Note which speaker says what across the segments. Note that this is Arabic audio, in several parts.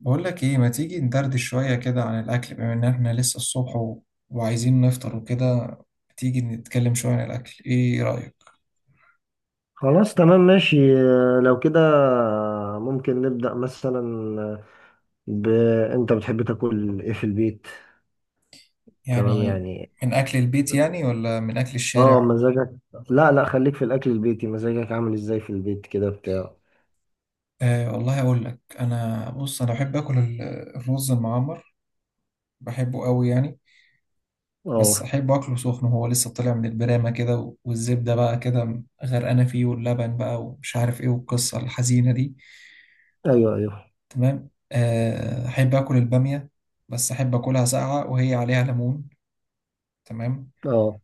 Speaker 1: بقول لك ايه، ما تيجي ندردش شوية كده عن الأكل بما إن احنا لسه الصبح وعايزين نفطر وكده. تيجي نتكلم شوية عن الأكل، ايه رأيك؟
Speaker 2: خلاص، تمام، ماشي. آه، لو كده ممكن نبدأ مثلا ب... انت بتحب تاكل ايه في البيت؟ تمام
Speaker 1: يعني
Speaker 2: يعني.
Speaker 1: من أكل البيت يعني، ولا من أكل
Speaker 2: اه
Speaker 1: الشارع؟
Speaker 2: مزاجك لا لا، خليك في الاكل البيتي. مزاجك عامل ازاي في البيت كده بتاع؟
Speaker 1: آه والله أقول لك، أنا بص أنا بحب آكل الرز المعمر، بحبه قوي يعني. بس
Speaker 2: اه.
Speaker 1: أحب أكله سخن وهو لسه طالع من البرامة كده، والزبدة بقى كده غرقانة فيه واللبن بقى ومش عارف ايه والقصة الحزينة دي.
Speaker 2: ايوه، ايوه.
Speaker 1: تمام آه، أحب آكل البامية، بس أحب آكلها ساقعة وهي عليها ليمون. تمام.
Speaker 2: اه.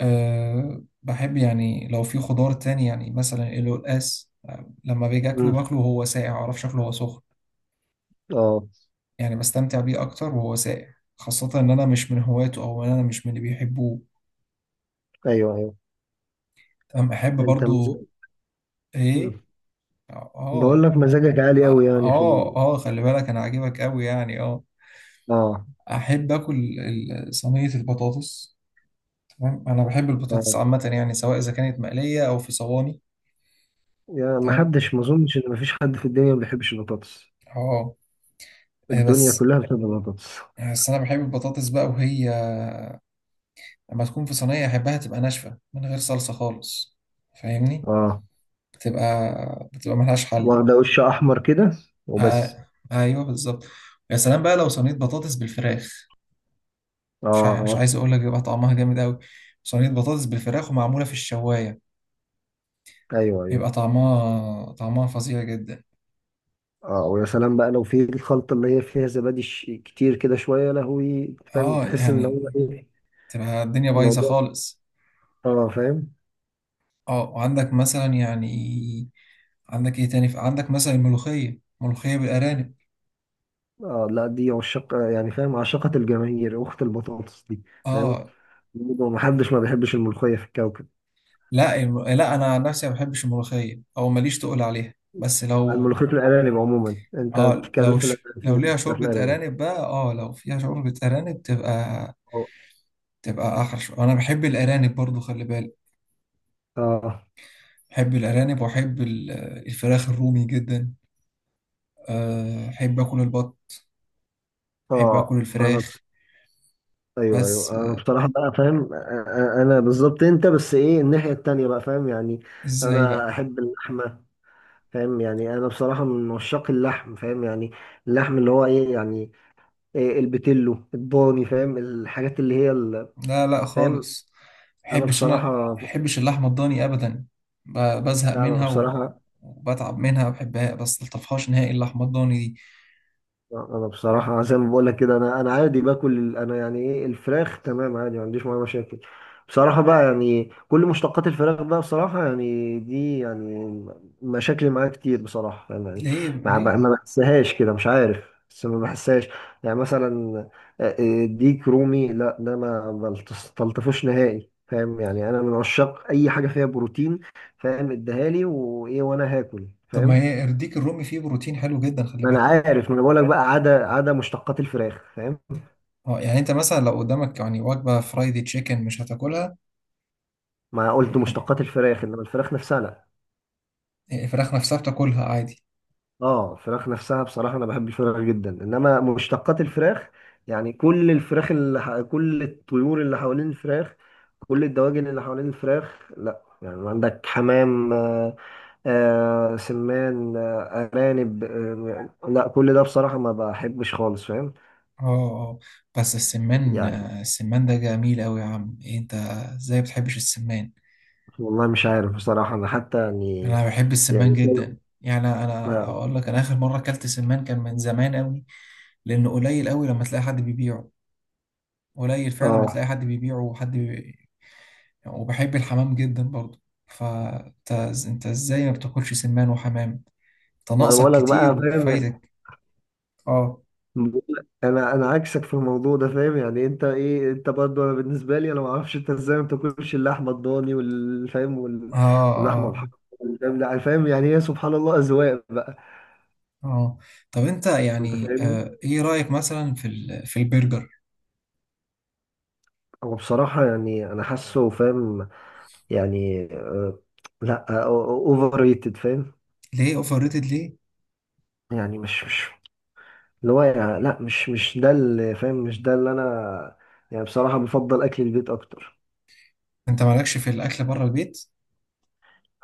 Speaker 1: أه بحب يعني لو في خضار تاني، يعني مثلا القلقاس آه، لما باجي أكله
Speaker 2: أمم.
Speaker 1: باكله وهو ساقع، معرفش أكله وهو سخن،
Speaker 2: اه.
Speaker 1: يعني بستمتع بيه أكتر وهو ساقع، خاصة إن أنا مش من هواته أو إن أنا مش من اللي بيحبوه.
Speaker 2: ايوه، ايوه.
Speaker 1: تمام أحب
Speaker 2: انت مز...
Speaker 1: برضو.
Speaker 2: أمم.
Speaker 1: إيه؟ آه
Speaker 2: بقول
Speaker 1: آه.
Speaker 2: لك مزاجك عالي قوي يعني
Speaker 1: آه آه، خلي بالك أنا عاجبك أوي يعني آه.
Speaker 2: اه،
Speaker 1: أحب آكل صينية البطاطس. تمام، انا بحب البطاطس
Speaker 2: اه.
Speaker 1: عامه، يعني سواء اذا كانت مقليه او في صواني.
Speaker 2: يعني
Speaker 1: تمام.
Speaker 2: ما اظنش ان ما فيش حد في الدنيا ما بيحبش البطاطس.
Speaker 1: اه. آه،
Speaker 2: الدنيا
Speaker 1: بس
Speaker 2: كلها بتحب البطاطس.
Speaker 1: بس انا بحب البطاطس بقى، وهي لما تكون في صينيه احبها تبقى ناشفه من غير صلصه خالص. فاهمني؟
Speaker 2: اه،
Speaker 1: بتبقى بتبقى ملهاش حل.
Speaker 2: واخدة وش أحمر كده وبس.
Speaker 1: آه. ايوه بالظبط. يا سلام بقى لو صينيه بطاطس بالفراخ، مش ع- مش
Speaker 2: اه،
Speaker 1: عايز اقول لك بيبقى طعمها جامد قوي. صينيه بطاطس بالفراخ ومعموله في الشوايه،
Speaker 2: أيوه، أيوه.
Speaker 1: بيبقى طعمها فظيع جدا.
Speaker 2: اه، ويا سلام بقى لو في الخلطة اللي هي فيها زبادي كتير كده شوية، يا لهوي فاهم،
Speaker 1: اه
Speaker 2: تحس إن
Speaker 1: يعني
Speaker 2: هو إيه
Speaker 1: تبقى الدنيا بايظه
Speaker 2: الموضوع؟
Speaker 1: خالص.
Speaker 2: اه فاهم.
Speaker 1: اه، وعندك مثلا يعني، عندك ايه تاني؟ عندك مثلا الملوخية، ملوخية بالأرانب.
Speaker 2: اه، لا دي عشاق يعني فاهم، عشاقة الجماهير أخت البطاطس دي. فاهم.
Speaker 1: اه
Speaker 2: محدش ما بيحبش الملوخية في الكوكب.
Speaker 1: لا، لا انا عن نفسي ما بحبش الملوخية او ماليش تقول عليها. بس
Speaker 2: عن
Speaker 1: لو،
Speaker 2: ملوخية الأرانب عموما أنت
Speaker 1: اه،
Speaker 2: بتتكلم،
Speaker 1: لو
Speaker 2: في
Speaker 1: ش... لو
Speaker 2: الأرانب
Speaker 1: ليها
Speaker 2: في
Speaker 1: شوربة
Speaker 2: الأرانب.
Speaker 1: أرانب بقى، اه لو فيها شوربة أرانب تبقى
Speaker 2: اه،
Speaker 1: تبقى أحلى انا بحب الأرانب برضو خلي بالك.
Speaker 2: اه.
Speaker 1: بحب الأرانب وأحب الفراخ الرومي جدا. آه، أحب آكل البط، أحب
Speaker 2: آه.
Speaker 1: آكل الفراخ.
Speaker 2: ايوه، ايوه.
Speaker 1: بس
Speaker 2: انا
Speaker 1: آه،
Speaker 2: بصراحه بقى فاهم، انا بالظبط انت، بس ايه الناحيه التانية بقى فاهم يعني.
Speaker 1: ازاي
Speaker 2: انا
Speaker 1: بقى؟
Speaker 2: احب اللحمه. فاهم يعني، انا بصراحه من عشاق اللحم فاهم يعني. اللحم اللي هو ايه يعني؟ إيه، البتلو، الضاني، فاهم الحاجات اللي هي
Speaker 1: لا لا
Speaker 2: فاهم.
Speaker 1: خالص،
Speaker 2: انا
Speaker 1: محبش انا
Speaker 2: بصراحه.
Speaker 1: محبش اللحمه الضاني ابدا. بزهق
Speaker 2: لا انا
Speaker 1: منها، و...
Speaker 2: بصراحه.
Speaker 1: وبتعب منها، ما بحبها بس ملطفهاش نهائي اللحمه الضاني دي.
Speaker 2: انا بصراحه زي ما بقول لك كده، انا عادي باكل انا يعني ايه الفراخ تمام عادي، ما عنديش معايا مشاكل. بصراحه بقى يعني كل مشتقات الفراخ بقى بصراحه يعني، دي يعني مشاكل معايا كتير بصراحه يعني.
Speaker 1: ليه ليه؟
Speaker 2: ما بحسهاش كده، مش عارف. بس ما بحسهاش. يعني مثلا ديك رومي، لا ده ما بلطفوش نهائي فاهم يعني. انا من عشاق اي حاجه فيها بروتين فاهم. اديها لي وايه وانا هاكل
Speaker 1: طب ما
Speaker 2: فاهم.
Speaker 1: هي الديك الرومي فيه بروتين حلو جدا، خلي
Speaker 2: ما انا
Speaker 1: بالك.
Speaker 2: عارف، ما انا بقول لك بقى، عدا مشتقات الفراخ فاهم.
Speaker 1: اه يعني انت مثلا لو قدامك يعني وجبه فرايدي تشيكن، مش هتاكلها؟
Speaker 2: ما قلت مشتقات الفراخ، انما الفراخ نفسها لا.
Speaker 1: الفراخ نفسها بتاكلها عادي.
Speaker 2: اه، الفراخ نفسها بصراحه انا بحب الفراخ جدا، انما مشتقات الفراخ يعني كل الفراخ كل الطيور اللي حوالين الفراخ، كل الدواجن اللي حوالين الفراخ، لا. يعني عندك حمام، آه، آه، سمان، آه، ارانب، آه، لا كل ده بصراحه ما بحبش خالص فاهم
Speaker 1: اه اه. بس السمان
Speaker 2: يعني.
Speaker 1: آه، السمان ده جميل قوي يا عم، إيه انت ازاي بتحبش السمان؟
Speaker 2: والله مش عارف بصراحه، انا حتى يعني
Speaker 1: انا بحب السمان
Speaker 2: يعني.
Speaker 1: جدا، يعني انا اقول لك، انا اخر مره اكلت سمان كان من زمان قوي. لانه قليل قوي لما تلاقي حد بيبيعه، قليل فعلا لما
Speaker 2: اه،
Speaker 1: تلاقي حد بيبيعه، وحد وبحب الحمام جدا برضه. فانت ازاي ما بتاكلش سمان وحمام؟ انت
Speaker 2: ما انا
Speaker 1: ناقصك
Speaker 2: بقول لك
Speaker 1: كتير
Speaker 2: بقى فاهم يعني.
Speaker 1: وفايتك. اه
Speaker 2: بقولك انا عكسك في الموضوع ده فاهم يعني. انت ايه، انت برضه، انا بالنسبه لي انا ما اعرفش انت ازاي ما بتاكلش اللحمه الضاني والفاهم
Speaker 1: اه
Speaker 2: واللحمه
Speaker 1: اه
Speaker 2: الحمراء والفاهم، لا، فاهم يعني هي سبحان الله اذواق بقى.
Speaker 1: اه. طب انت
Speaker 2: انت
Speaker 1: يعني
Speaker 2: فاهمني.
Speaker 1: آه، ايه رايك مثلا في البرجر؟
Speaker 2: هو بصراحه يعني انا حاسه فاهم يعني لا، اوفر ريتد فاهم.
Speaker 1: ليه اوفر ريتد؟ ليه
Speaker 2: يعني مش اللي هو يعني، لا مش ده اللي فاهم، مش ده اللي انا يعني. بصراحه بفضل اكل البيت اكتر.
Speaker 1: انت مالكش في الاكل بره البيت؟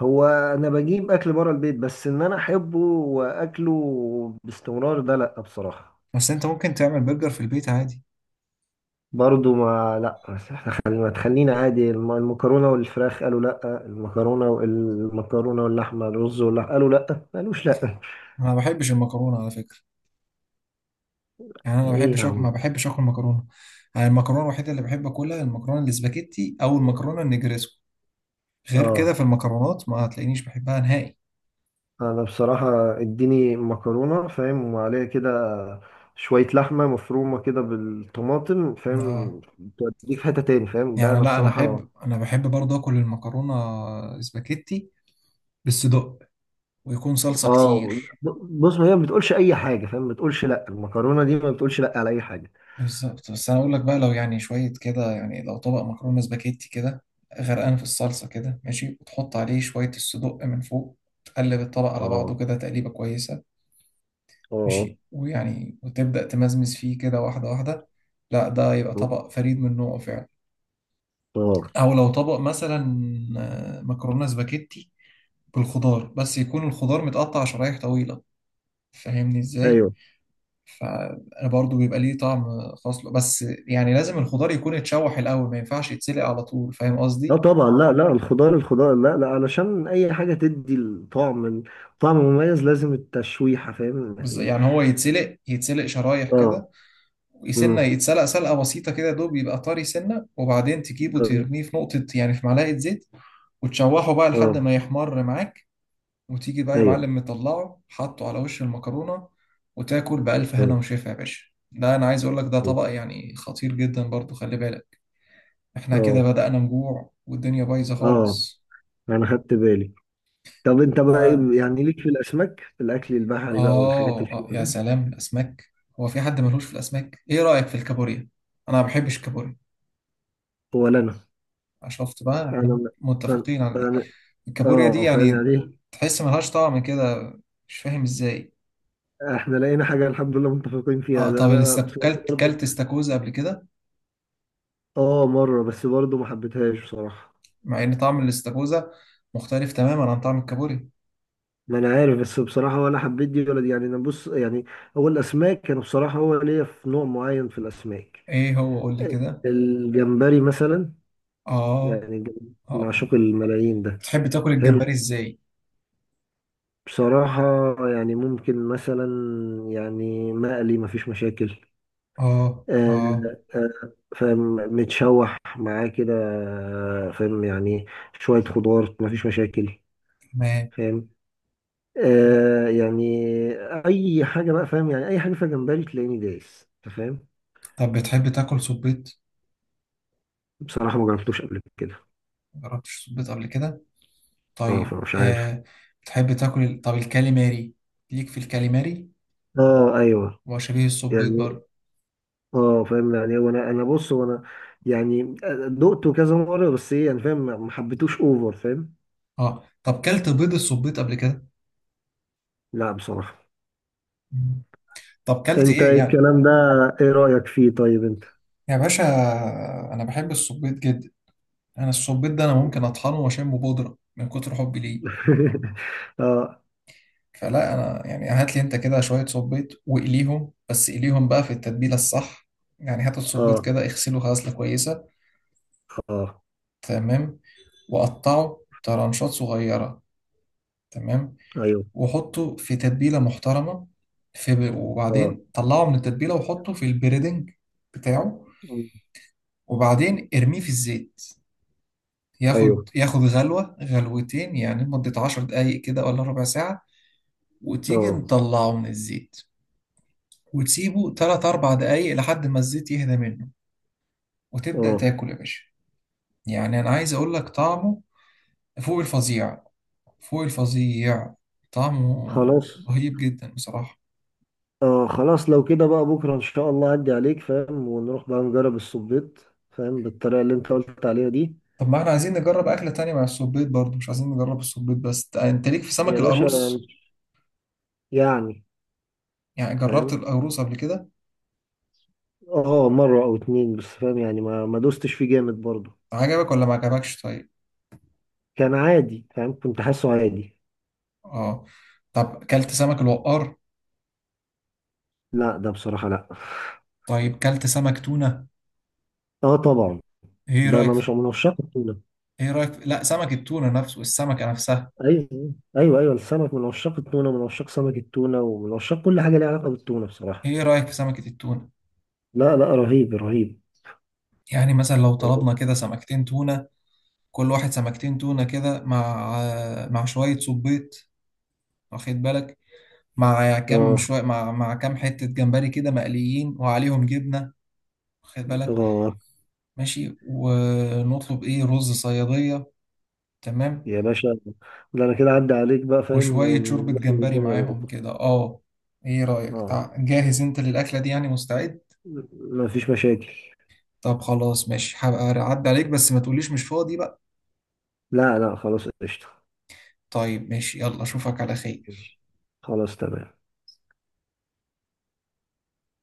Speaker 2: هو انا بجيب اكل بره البيت، بس ان انا احبه واكله باستمرار ده لا بصراحه.
Speaker 1: بس انت ممكن تعمل برجر في البيت عادي.
Speaker 2: برضو ما لا، بس احنا خلينا، ما تخلينا عادي المكرونه والفراخ قالوا لا، المكرونه والمكرونه واللحمه، الرز واللحمه، قالوا لا ما قالوش لا.
Speaker 1: انا ما بحبش المكرونه على فكره، يعني انا ما
Speaker 2: ايه يا
Speaker 1: بحبش أكل...
Speaker 2: عم
Speaker 1: ما
Speaker 2: ده؟
Speaker 1: بحبش اكل مكرونه. يعني المكرونه الوحيده اللي بحب اكلها المكرونه الاسباجيتي او المكرونه النجريسكو، غير كده
Speaker 2: اه
Speaker 1: في المكرونات ما هتلاقينيش بحبها نهائي.
Speaker 2: انا بصراحه اديني مكرونه فاهم، وعليها كده شويه لحمه مفرومه كده بالطماطم
Speaker 1: آه.
Speaker 2: فاهم، توديك في حته تاني فاهم، ده
Speaker 1: يعني
Speaker 2: انا
Speaker 1: لا، انا
Speaker 2: بصراحه.
Speaker 1: احب انا بحب برضه اكل المكرونه اسباجيتي بالصدق، ويكون صلصه
Speaker 2: اه،
Speaker 1: كتير.
Speaker 2: بص، ما هي ما بتقولش اي حاجه فاهم، ما بتقولش لا، المكرونه دي ما بتقولش لا على اي حاجه.
Speaker 1: بالظبط. بس انا اقول لك بقى، لو يعني شويه كده، يعني لو طبق مكرونه اسباجيتي كده غرقان في الصلصه كده ماشي، وتحط عليه شويه الصدق من فوق، تقلب الطبق على بعضه
Speaker 2: اه،
Speaker 1: كده تقليبه كويسه،
Speaker 2: اه،
Speaker 1: ماشي، ويعني وتبدأ تمزمز فيه كده واحدة واحدة. لا، ده يبقى طبق فريد من نوعه فعلا.
Speaker 2: اه،
Speaker 1: أو لو طبق مثلا آه، مكرونة سباكيتي بالخضار، بس يكون الخضار متقطع شرايح طويلة. فاهمني ازاي؟
Speaker 2: ايوه.
Speaker 1: فبرضه بيبقى ليه طعم خاص له، بس يعني لازم الخضار يكون اتشوح الأول، ما ينفعش يتسلق على طول، فاهم
Speaker 2: لا
Speaker 1: قصدي؟
Speaker 2: طبعا، لا لا الخضار، الخضار لا لا علشان اي حاجه تدي الطعم، طعم مميز لازم التشويحه فاهم يعني.
Speaker 1: يعني هو يتسلق شرايح
Speaker 2: اه.
Speaker 1: كده،
Speaker 2: مم.
Speaker 1: سنة يتسلق سلقة بسيطة كده دوب يبقى طري، سنة وبعدين تجيبه
Speaker 2: اه.
Speaker 1: ترميه في نقطة، يعني في معلقة زيت، وتشوحه بقى لحد
Speaker 2: آه.
Speaker 1: ما يحمر معاك، وتيجي بقى يا
Speaker 2: ايوه.
Speaker 1: معلم مطلعه حاطه على وش المكرونة، وتاكل بألف هنا
Speaker 2: اه،
Speaker 1: وشفا يا باشا. ده أنا عايز أقول لك ده طبق يعني خطير جدا برضو خلي بالك. إحنا كده
Speaker 2: اه،
Speaker 1: بدأنا نجوع والدنيا بايظة
Speaker 2: اه،
Speaker 1: خالص.
Speaker 2: انا خدت بالي. طب انت بقى
Speaker 1: آه.
Speaker 2: يعني ليك في الاسماك، في الاكل البحري بقى والحاجات
Speaker 1: آه
Speaker 2: الحلوه
Speaker 1: آه، يا
Speaker 2: دي؟
Speaker 1: سلام الأسماك! هو في حد ملوش في الأسماك؟ إيه رأيك في الكابوريا؟ أنا ما بحبش الكابوريا.
Speaker 2: ولا.
Speaker 1: شفت بقى، إحنا
Speaker 2: انا
Speaker 1: متفقين على دي.
Speaker 2: انا
Speaker 1: الكابوريا دي
Speaker 2: اه فاهم
Speaker 1: يعني
Speaker 2: يعني ايه،
Speaker 1: تحس ملهاش طعم كده، مش فاهم ازاي.
Speaker 2: احنا لقينا حاجة الحمد لله متفقين
Speaker 1: اه،
Speaker 2: فيها، ده
Speaker 1: طب
Speaker 2: انا
Speaker 1: الاستك...
Speaker 2: بصراحة
Speaker 1: كلت
Speaker 2: برضو.
Speaker 1: كلت استاكوزا قبل كده؟
Speaker 2: اه، مرة بس برضو ما حبيتهاش بصراحة.
Speaker 1: مع ان طعم الاستاكوزا مختلف تماما عن طعم الكابوريا.
Speaker 2: ما انا عارف، بس بصراحة ولا حبيت دي ولا دي يعني، انا بص يعني هو الاسماك كانوا بصراحة، هو ليا في نوع معين في الاسماك.
Speaker 1: ايه هو، قول لي كده.
Speaker 2: الجمبري مثلا،
Speaker 1: اه
Speaker 2: يعني
Speaker 1: اه.
Speaker 2: معشوق الملايين ده.
Speaker 1: بتحب تاكل
Speaker 2: حلو
Speaker 1: الجمبري ازاي؟
Speaker 2: بصراحة. يعني ممكن مثلا، يعني مقلي مفيش مشاكل،
Speaker 1: اه
Speaker 2: آه،
Speaker 1: اه.
Speaker 2: فاهم متشوح معاه كده فاهم يعني، شوية خضار مفيش مشاكل
Speaker 1: تمام.
Speaker 2: فاهم. يعني أي حاجة بقى فاهم يعني، أي حاجة فيها جمبري تلاقيني دايس أنت فاهم.
Speaker 1: طب بتحب تاكل صبيط؟
Speaker 2: بصراحة ما جربتوش قبل كده،
Speaker 1: مجربتش صبيط قبل كده.
Speaker 2: اه
Speaker 1: طيب
Speaker 2: فمش عارف.
Speaker 1: آه، بتحب تاكل طب الكاليماري؟ ليك في الكاليماري،
Speaker 2: اه، ايوه.
Speaker 1: وشبيه الصبيط
Speaker 2: يعني
Speaker 1: برضه.
Speaker 2: اه فاهم يعني، هو انا بص هو انا يعني، دقته كذا مرة بس، ايه يعني فاهم ما حبيتوش اوفر فاهم.
Speaker 1: اه، طب كلت بيض الصبيط قبل كده؟
Speaker 2: لا بصراحة.
Speaker 1: طب كلت
Speaker 2: انت
Speaker 1: ايه يعني؟
Speaker 2: الكلام ده ايه رأيك فيه؟ طيب انت.
Speaker 1: يا باشا، انا بحب السبيط جدا. انا السبيط ده انا ممكن اطحنه واشمه بودره من كتر حبي ليه.
Speaker 2: اه،
Speaker 1: فلا انا يعني، هات لي انت كده شويه سبيط واقليهم، بس قليهم بقى في التتبيله الصح. يعني هات السبيط
Speaker 2: اه،
Speaker 1: كده اغسله غسله كويسه،
Speaker 2: اه،
Speaker 1: تمام، وقطعه طرنشات صغيره، تمام،
Speaker 2: ايوه،
Speaker 1: وحطه في تتبيله محترمه، في
Speaker 2: اه،
Speaker 1: وبعدين طلعه من التتبيله وحطه في البريدنج بتاعه،
Speaker 2: مم،
Speaker 1: وبعدين ارميه في الزيت، ياخد
Speaker 2: ايوه،
Speaker 1: ياخد غلوة غلوتين، يعني مدة 10 دقايق كده ولا ربع ساعة. وتيجي
Speaker 2: اه،
Speaker 1: مطلعه من الزيت، وتسيبه تلات أربع دقايق لحد ما الزيت يهدى منه، وتبدأ
Speaker 2: اه،
Speaker 1: تاكل يا باشا. يعني أنا عايز أقول لك طعمه فوق الفظيع، فوق الفظيع. طعمه
Speaker 2: خلاص.
Speaker 1: رهيب جدا بصراحة.
Speaker 2: اه خلاص، لو كده بقى بكره ان شاء الله اعدي عليك فاهم ونروح بقى نجرب الصبيط فاهم، بالطريقه اللي انت قلت عليها دي.
Speaker 1: طب ما احنا عايزين نجرب أكلة تانية مع السبيط برضه، مش عايزين نجرب السبيط بس. أنت ليك في
Speaker 2: يا
Speaker 1: سمك
Speaker 2: باشا
Speaker 1: القاروص؟
Speaker 2: يعني
Speaker 1: يعني جربت
Speaker 2: فاهم.
Speaker 1: القاروص قبل كده؟
Speaker 2: اه، مره او اتنين بس فاهم يعني، ما دوستش فيه جامد برضه.
Speaker 1: عجبك ولا ما عجبكش؟ طيب
Speaker 2: كان عادي فاهم، كنت حاسه عادي.
Speaker 1: اه، طب كلت سمك الوقار؟
Speaker 2: لا ده بصراحه لا.
Speaker 1: طيب كلت سمك تونة؟
Speaker 2: اه طبعا.
Speaker 1: ايه
Speaker 2: ده
Speaker 1: رأيك
Speaker 2: انا
Speaker 1: في...
Speaker 2: مش من عشاق التونه.
Speaker 1: ايه رأيك في لا، سمك التونة نفسه، السمكة نفسها.
Speaker 2: ايوه، ايوه، ايوه، السمك، من عشاق التونه ومن عشاق سمك التونه ومن عشاق كل حاجه ليها علاقه بالتونه بصراحه.
Speaker 1: ايه رأيك في سمكة التونة؟
Speaker 2: لا لا، رهيب، رهيب.
Speaker 1: يعني مثلا لو طلبنا كده سمكتين تونة، كل واحد سمكتين تونة كده، مع شوية صبيط، واخد بالك، مع كام
Speaker 2: اه،
Speaker 1: شوية مع كام حتة جمبري كده مقليين وعليهم جبنة، واخد بالك،
Speaker 2: اه.
Speaker 1: ماشي، ونطلب ايه، رز صيادية. تمام،
Speaker 2: يا باشا، ده انا كده عدى عليك بقى فاهم،
Speaker 1: وشوية شوربة
Speaker 2: ونخرب
Speaker 1: جمبري
Speaker 2: الدنيا
Speaker 1: معاهم
Speaker 2: بكره.
Speaker 1: كده. اه، ايه رأيك
Speaker 2: اه،
Speaker 1: جاهز انت للأكلة دي يعني؟ مستعد؟
Speaker 2: مفيش مشاكل.
Speaker 1: طب خلاص ماشي، هبقى اعدي عليك، بس ما تقوليش مش فاضي بقى.
Speaker 2: لا لا خلاص، قشطه.
Speaker 1: طيب ماشي، يلا اشوفك على خير.
Speaker 2: ماشي. خلاص تمام